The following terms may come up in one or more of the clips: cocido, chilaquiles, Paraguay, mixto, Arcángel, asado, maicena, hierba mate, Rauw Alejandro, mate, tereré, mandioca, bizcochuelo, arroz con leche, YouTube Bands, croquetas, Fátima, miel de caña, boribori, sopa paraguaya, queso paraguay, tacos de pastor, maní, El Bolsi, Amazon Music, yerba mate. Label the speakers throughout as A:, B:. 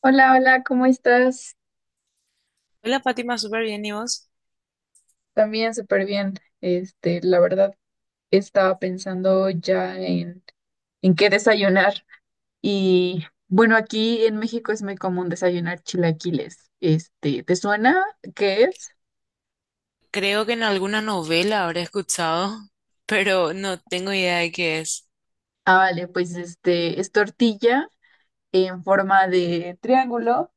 A: Hola, hola, ¿cómo estás?
B: Hola Fátima, súper bien, ¿y vos?
A: También súper bien. La verdad, estaba pensando ya en qué desayunar. Y bueno, aquí en México es muy común desayunar chilaquiles. ¿Te suena? ¿Qué es?
B: Creo que en alguna novela habré escuchado, pero no tengo idea de qué es.
A: Ah, vale, pues este es tortilla en forma de triángulo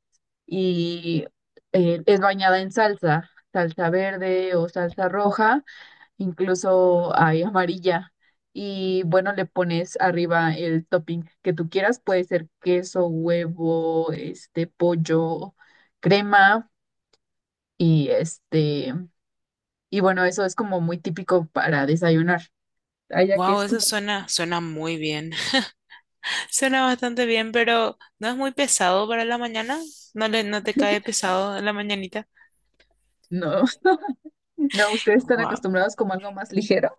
A: y es bañada en salsa, salsa verde o salsa roja. Incluso hay amarilla. Y bueno, le pones arriba el topping que tú quieras, puede ser queso, huevo, pollo, crema y este y bueno, eso es como muy típico para desayunar. Allá que
B: Wow,
A: es
B: eso
A: como.
B: suena muy bien. Suena bastante bien, pero ¿no es muy pesado para la mañana? No te cae pesado en la mañanita?
A: No. No, ustedes están
B: Wow.
A: acostumbrados como algo más ligero.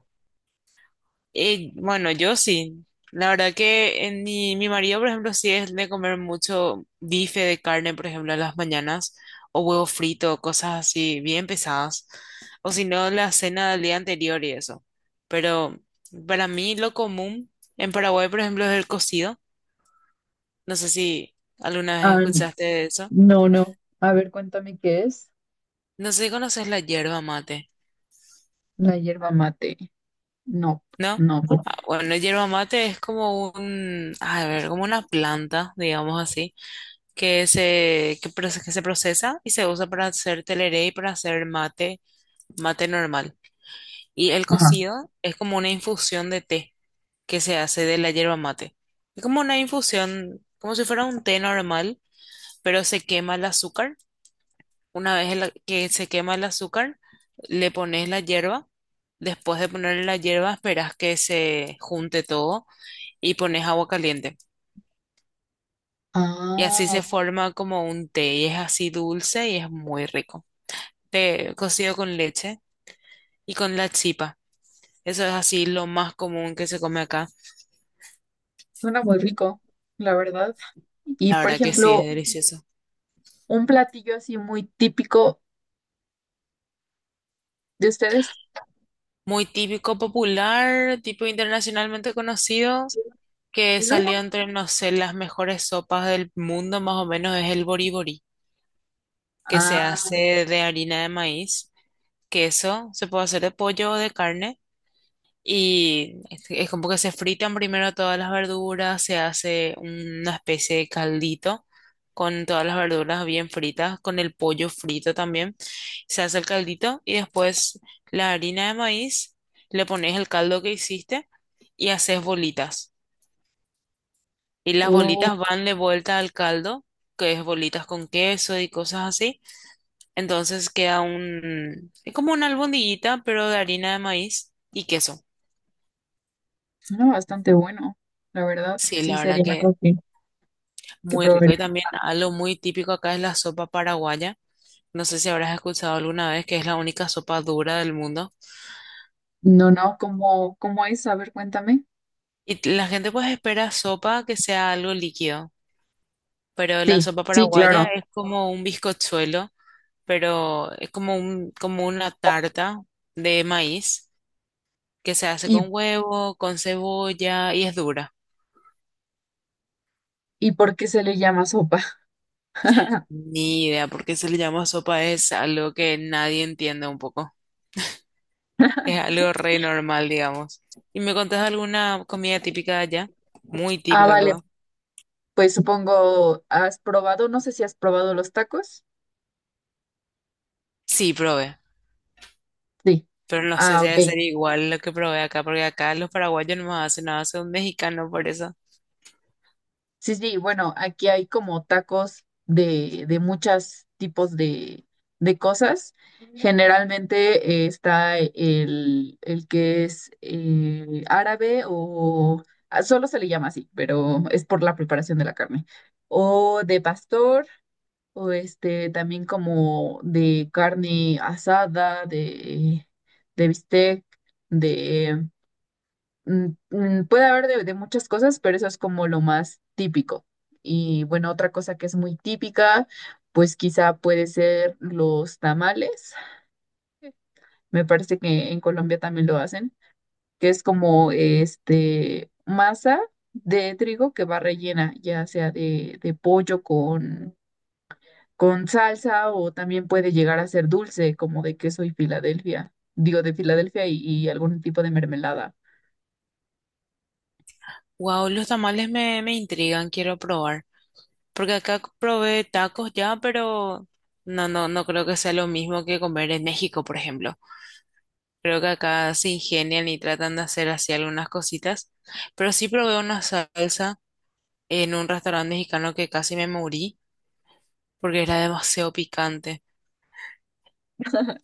B: Bueno, yo sí. La verdad que en mi marido, por ejemplo, sí es de comer mucho bife de carne, por ejemplo, a las mañanas, o huevo frito, cosas así bien pesadas. O si no, la cena del día anterior y eso. Pero para mí lo común en Paraguay, por ejemplo, es el cocido. No sé si alguna vez
A: Ah,
B: escuchaste de eso.
A: no, no. A ver, cuéntame qué es.
B: No sé si conoces la yerba mate,
A: La hierba mate. No,
B: ¿no?
A: no.
B: Ah, bueno, la yerba mate es como un, a ver, como una planta, digamos así que que se procesa y se usa para hacer tereré y para hacer mate, mate normal. Y el
A: Ajá.
B: cocido es como una infusión de té que se hace de la yerba mate. Es como una infusión, como si fuera un té normal, pero se quema el azúcar. Una vez que se quema el azúcar, le pones la hierba. Después de ponerle la hierba, esperas que se junte todo y pones agua caliente. Y así
A: Ah,
B: se forma como un té y es así dulce y es muy rico. De cocido con leche y con la chipa. Eso es así lo más común que se come acá.
A: suena muy rico, la verdad. Y
B: La
A: por
B: verdad que sí, es
A: ejemplo,
B: delicioso.
A: un platillo así muy típico de ustedes.
B: Muy típico, popular, tipo internacionalmente conocido,
A: Sí.
B: que
A: ¿No?
B: salió entre, no sé, las mejores sopas del mundo, más o menos, es el boribori, que se
A: Ah,
B: hace de harina de maíz, queso, se puede hacer de pollo o de carne. Y es como que se fritan primero todas las verduras, se hace una especie de caldito con todas las verduras bien fritas, con el pollo frito también. Se hace el caldito y después la harina de maíz, le pones el caldo que hiciste y haces bolitas. Y las
A: oh.
B: bolitas van de vuelta al caldo, que es bolitas con queso y cosas así. Entonces queda un, es como una albondiguita, pero de harina de maíz y queso.
A: No, bastante bueno, la verdad,
B: Sí,
A: sí
B: la verdad
A: sería
B: que
A: algo que
B: muy rico. Y
A: probaría.
B: también algo muy típico acá es la sopa paraguaya. No sé si habrás escuchado alguna vez que es la única sopa dura del mundo.
A: No, no, ¿cómo es? A ver, cuéntame.
B: Y la gente pues espera sopa que sea algo líquido, pero la
A: Sí,
B: sopa
A: sí,
B: paraguaya
A: claro.
B: es como un bizcochuelo, pero es como un, como una tarta de maíz que se hace
A: ¿Y,
B: con huevo, con cebolla y es dura.
A: y por qué se le llama sopa?
B: Ni idea por qué se le llama sopa, es algo que nadie entiende un poco. Es algo re normal, digamos. ¿Y me contás alguna comida típica de allá? Muy
A: Ah,
B: típica,
A: vale,
B: luego.
A: pues supongo, ¿has probado? No sé si has probado los tacos.
B: Sí, probé.
A: Sí.
B: Pero no sé
A: Ah,
B: si debe ser
A: ok.
B: igual lo que probé acá, porque acá los paraguayos no más hacen nada, hace un mexicano por eso.
A: Sí, sí, bueno, aquí hay como tacos de muchos tipos de cosas. Generalmente está el que es árabe o solo se le llama así, pero es por la preparación de la carne. O de pastor, o también como de carne asada, de bistec. Puede haber de muchas cosas, pero eso es como lo más típico. Y bueno, otra cosa que es muy típica, pues quizá puede ser los tamales. Me parece que en Colombia también lo hacen, que es como masa de trigo que va rellena, ya sea de pollo con salsa o también puede llegar a ser dulce, como de queso y Filadelfia. Digo, de Filadelfia y algún tipo de mermelada.
B: Wow, los tamales me intrigan, quiero probar. Porque acá probé tacos ya, pero no creo que sea lo mismo que comer en México, por ejemplo. Creo que acá se ingenian y tratan de hacer así algunas cositas. Pero sí probé una salsa en un restaurante mexicano que casi me morí porque era demasiado picante.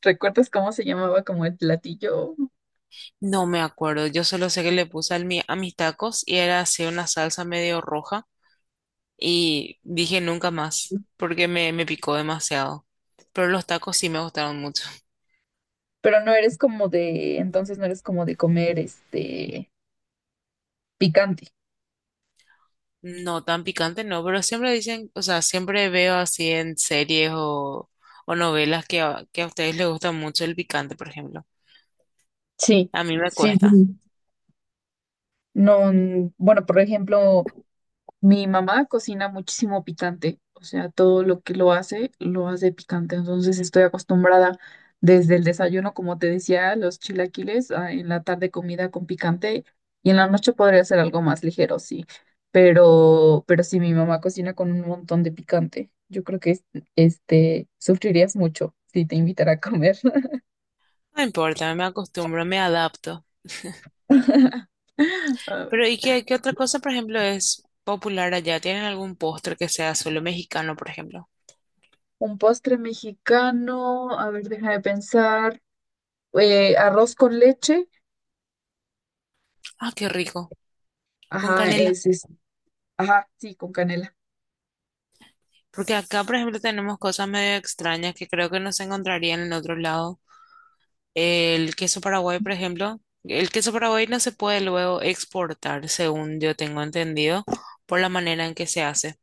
A: ¿Recuerdas cómo se llamaba como el platillo?
B: No me acuerdo, yo solo sé que le puse a mis tacos y era así una salsa medio roja y dije nunca más, porque me picó demasiado. Pero los tacos sí me gustaron mucho.
A: Pero no eres como entonces no eres como de comer este picante.
B: No tan picante, no, pero siempre dicen, o sea, siempre veo así en series o novelas que que a ustedes les gusta mucho el picante, por ejemplo.
A: Sí,
B: A mí me
A: sí,
B: cuesta.
A: sí. No, bueno, por ejemplo, mi mamá cocina muchísimo picante, o sea, todo lo que lo hace picante. Entonces estoy acostumbrada desde el desayuno, como te decía, los chilaquiles, en la tarde comida con picante y en la noche podría ser algo más ligero, sí. Pero sí, mi mamá cocina con un montón de picante. Yo creo que sufrirías mucho si te invitara a comer.
B: No importa, me acostumbro, me adapto.
A: Ah,
B: Pero ¿y qué otra cosa, por ejemplo, es popular allá? ¿Tienen algún postre que sea solo mexicano, por ejemplo?
A: un postre mexicano, a ver, déjame pensar. Arroz con leche.
B: Ah, qué rico, con
A: Ajá,
B: canela.
A: ajá, sí, con canela.
B: Porque acá, por ejemplo, tenemos cosas medio extrañas que creo que no se encontrarían en otro lado. El queso paraguay, por ejemplo. El queso paraguay no se puede luego exportar, según yo tengo entendido, por la manera en que se hace.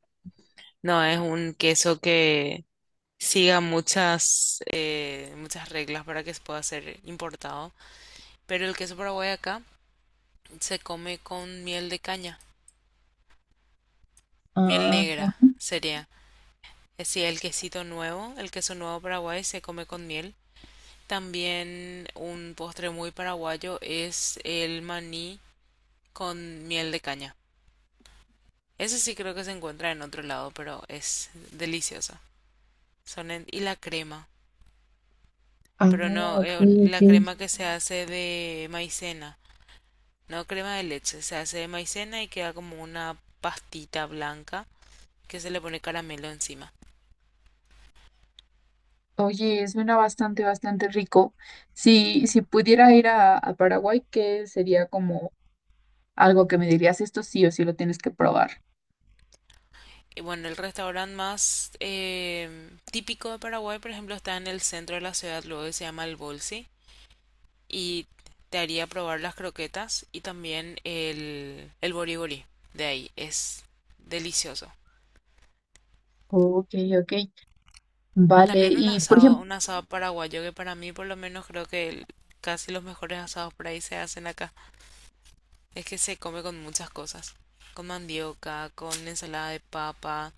B: No es un queso que siga muchas, muchas reglas para que pueda ser importado. Pero el queso paraguay acá se come con miel de caña, miel
A: Ah,
B: negra
A: ajá.
B: sería. Es decir, el quesito nuevo, el queso nuevo Paraguay se come con miel. También un postre muy paraguayo es el maní con miel de caña. Ese sí creo que se encuentra en otro lado, pero es delicioso. Son y la crema,
A: Ah,
B: pero no
A: ok, ok.
B: la crema que se hace de maicena, no crema de leche, se hace de maicena y queda como una pastita blanca que se le pone caramelo encima.
A: Oye, suena bastante, bastante rico. Si pudiera ir a Paraguay, ¿qué sería como algo que me dirías? Esto sí o sí lo tienes que probar.
B: Y bueno, el restaurante más típico de Paraguay, por ejemplo, está en el centro de la ciudad, luego que se llama El Bolsi, y te haría probar las croquetas y también el boriborí de ahí. Es delicioso.
A: Ok, ok. Vale,
B: También
A: y por ejemplo,
B: un asado paraguayo que para mí por lo menos creo que casi los mejores asados por ahí se hacen acá. Es que se come con muchas cosas. Con mandioca, con ensalada de papa,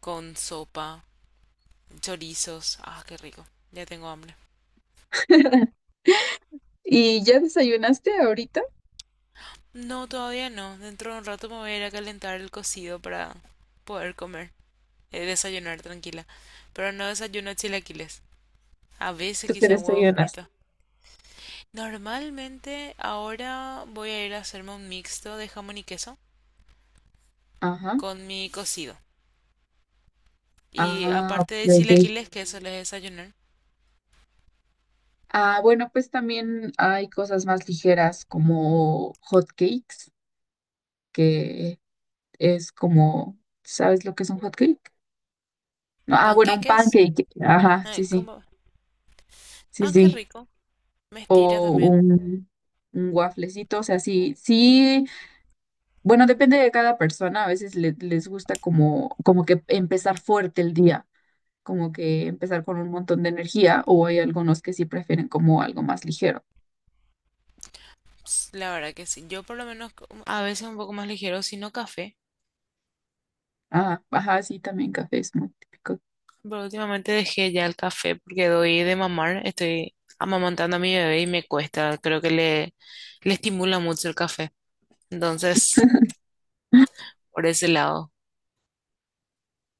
B: con sopa, chorizos. Ah, qué rico. Ya tengo hambre.
A: ¿y ya desayunaste ahorita?
B: No, todavía no. Dentro de un rato me voy a ir a calentar el cocido para poder comer, desayunar tranquila. Pero no desayuno chilaquiles. A veces
A: ¿Tú qué
B: quizá un huevo
A: desayunaste?
B: frito. Normalmente ahora voy a ir a hacerme un mixto de jamón y queso
A: Ajá.
B: con mi cocido. Y
A: Ah, ok.
B: aparte de
A: Ok.
B: chilaquiles, que eso les desayunar,
A: Ah, bueno, pues también hay cosas más ligeras como hot cakes, que es como, ¿sabes lo que es un hot cake? No, ah, bueno, un
B: panqueques,
A: pancake. Ajá, sí, sí,
B: como...
A: sí,
B: Ah, qué
A: sí.
B: rico. Me estira
A: O
B: también.
A: un wafflecito, o sea, sí, sí. Bueno, depende de cada persona. A veces les gusta como que empezar fuerte el día, como que empezar con un montón de energía, o hay algunos que sí prefieren como algo más ligero.
B: Ps, la verdad que sí. Yo por lo menos como a veces un poco más ligero, si no café.
A: Ah, ajá, sí, también café es muy típico.
B: Pero últimamente dejé ya el café porque doy de mamar. Estoy amamantando a mi bebé y me cuesta. Creo que le estimula mucho el café. Entonces, por ese lado.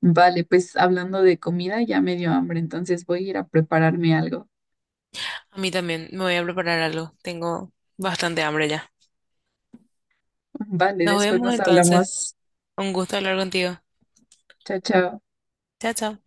A: Vale, pues hablando de comida, ya me dio hambre, entonces voy a ir a prepararme algo.
B: A mí también me voy a preparar algo. Tengo bastante hambre ya.
A: Vale,
B: Nos
A: después
B: vemos
A: nos
B: entonces.
A: hablamos.
B: Un gusto hablar contigo.
A: Chao, chao.
B: Chao, chao.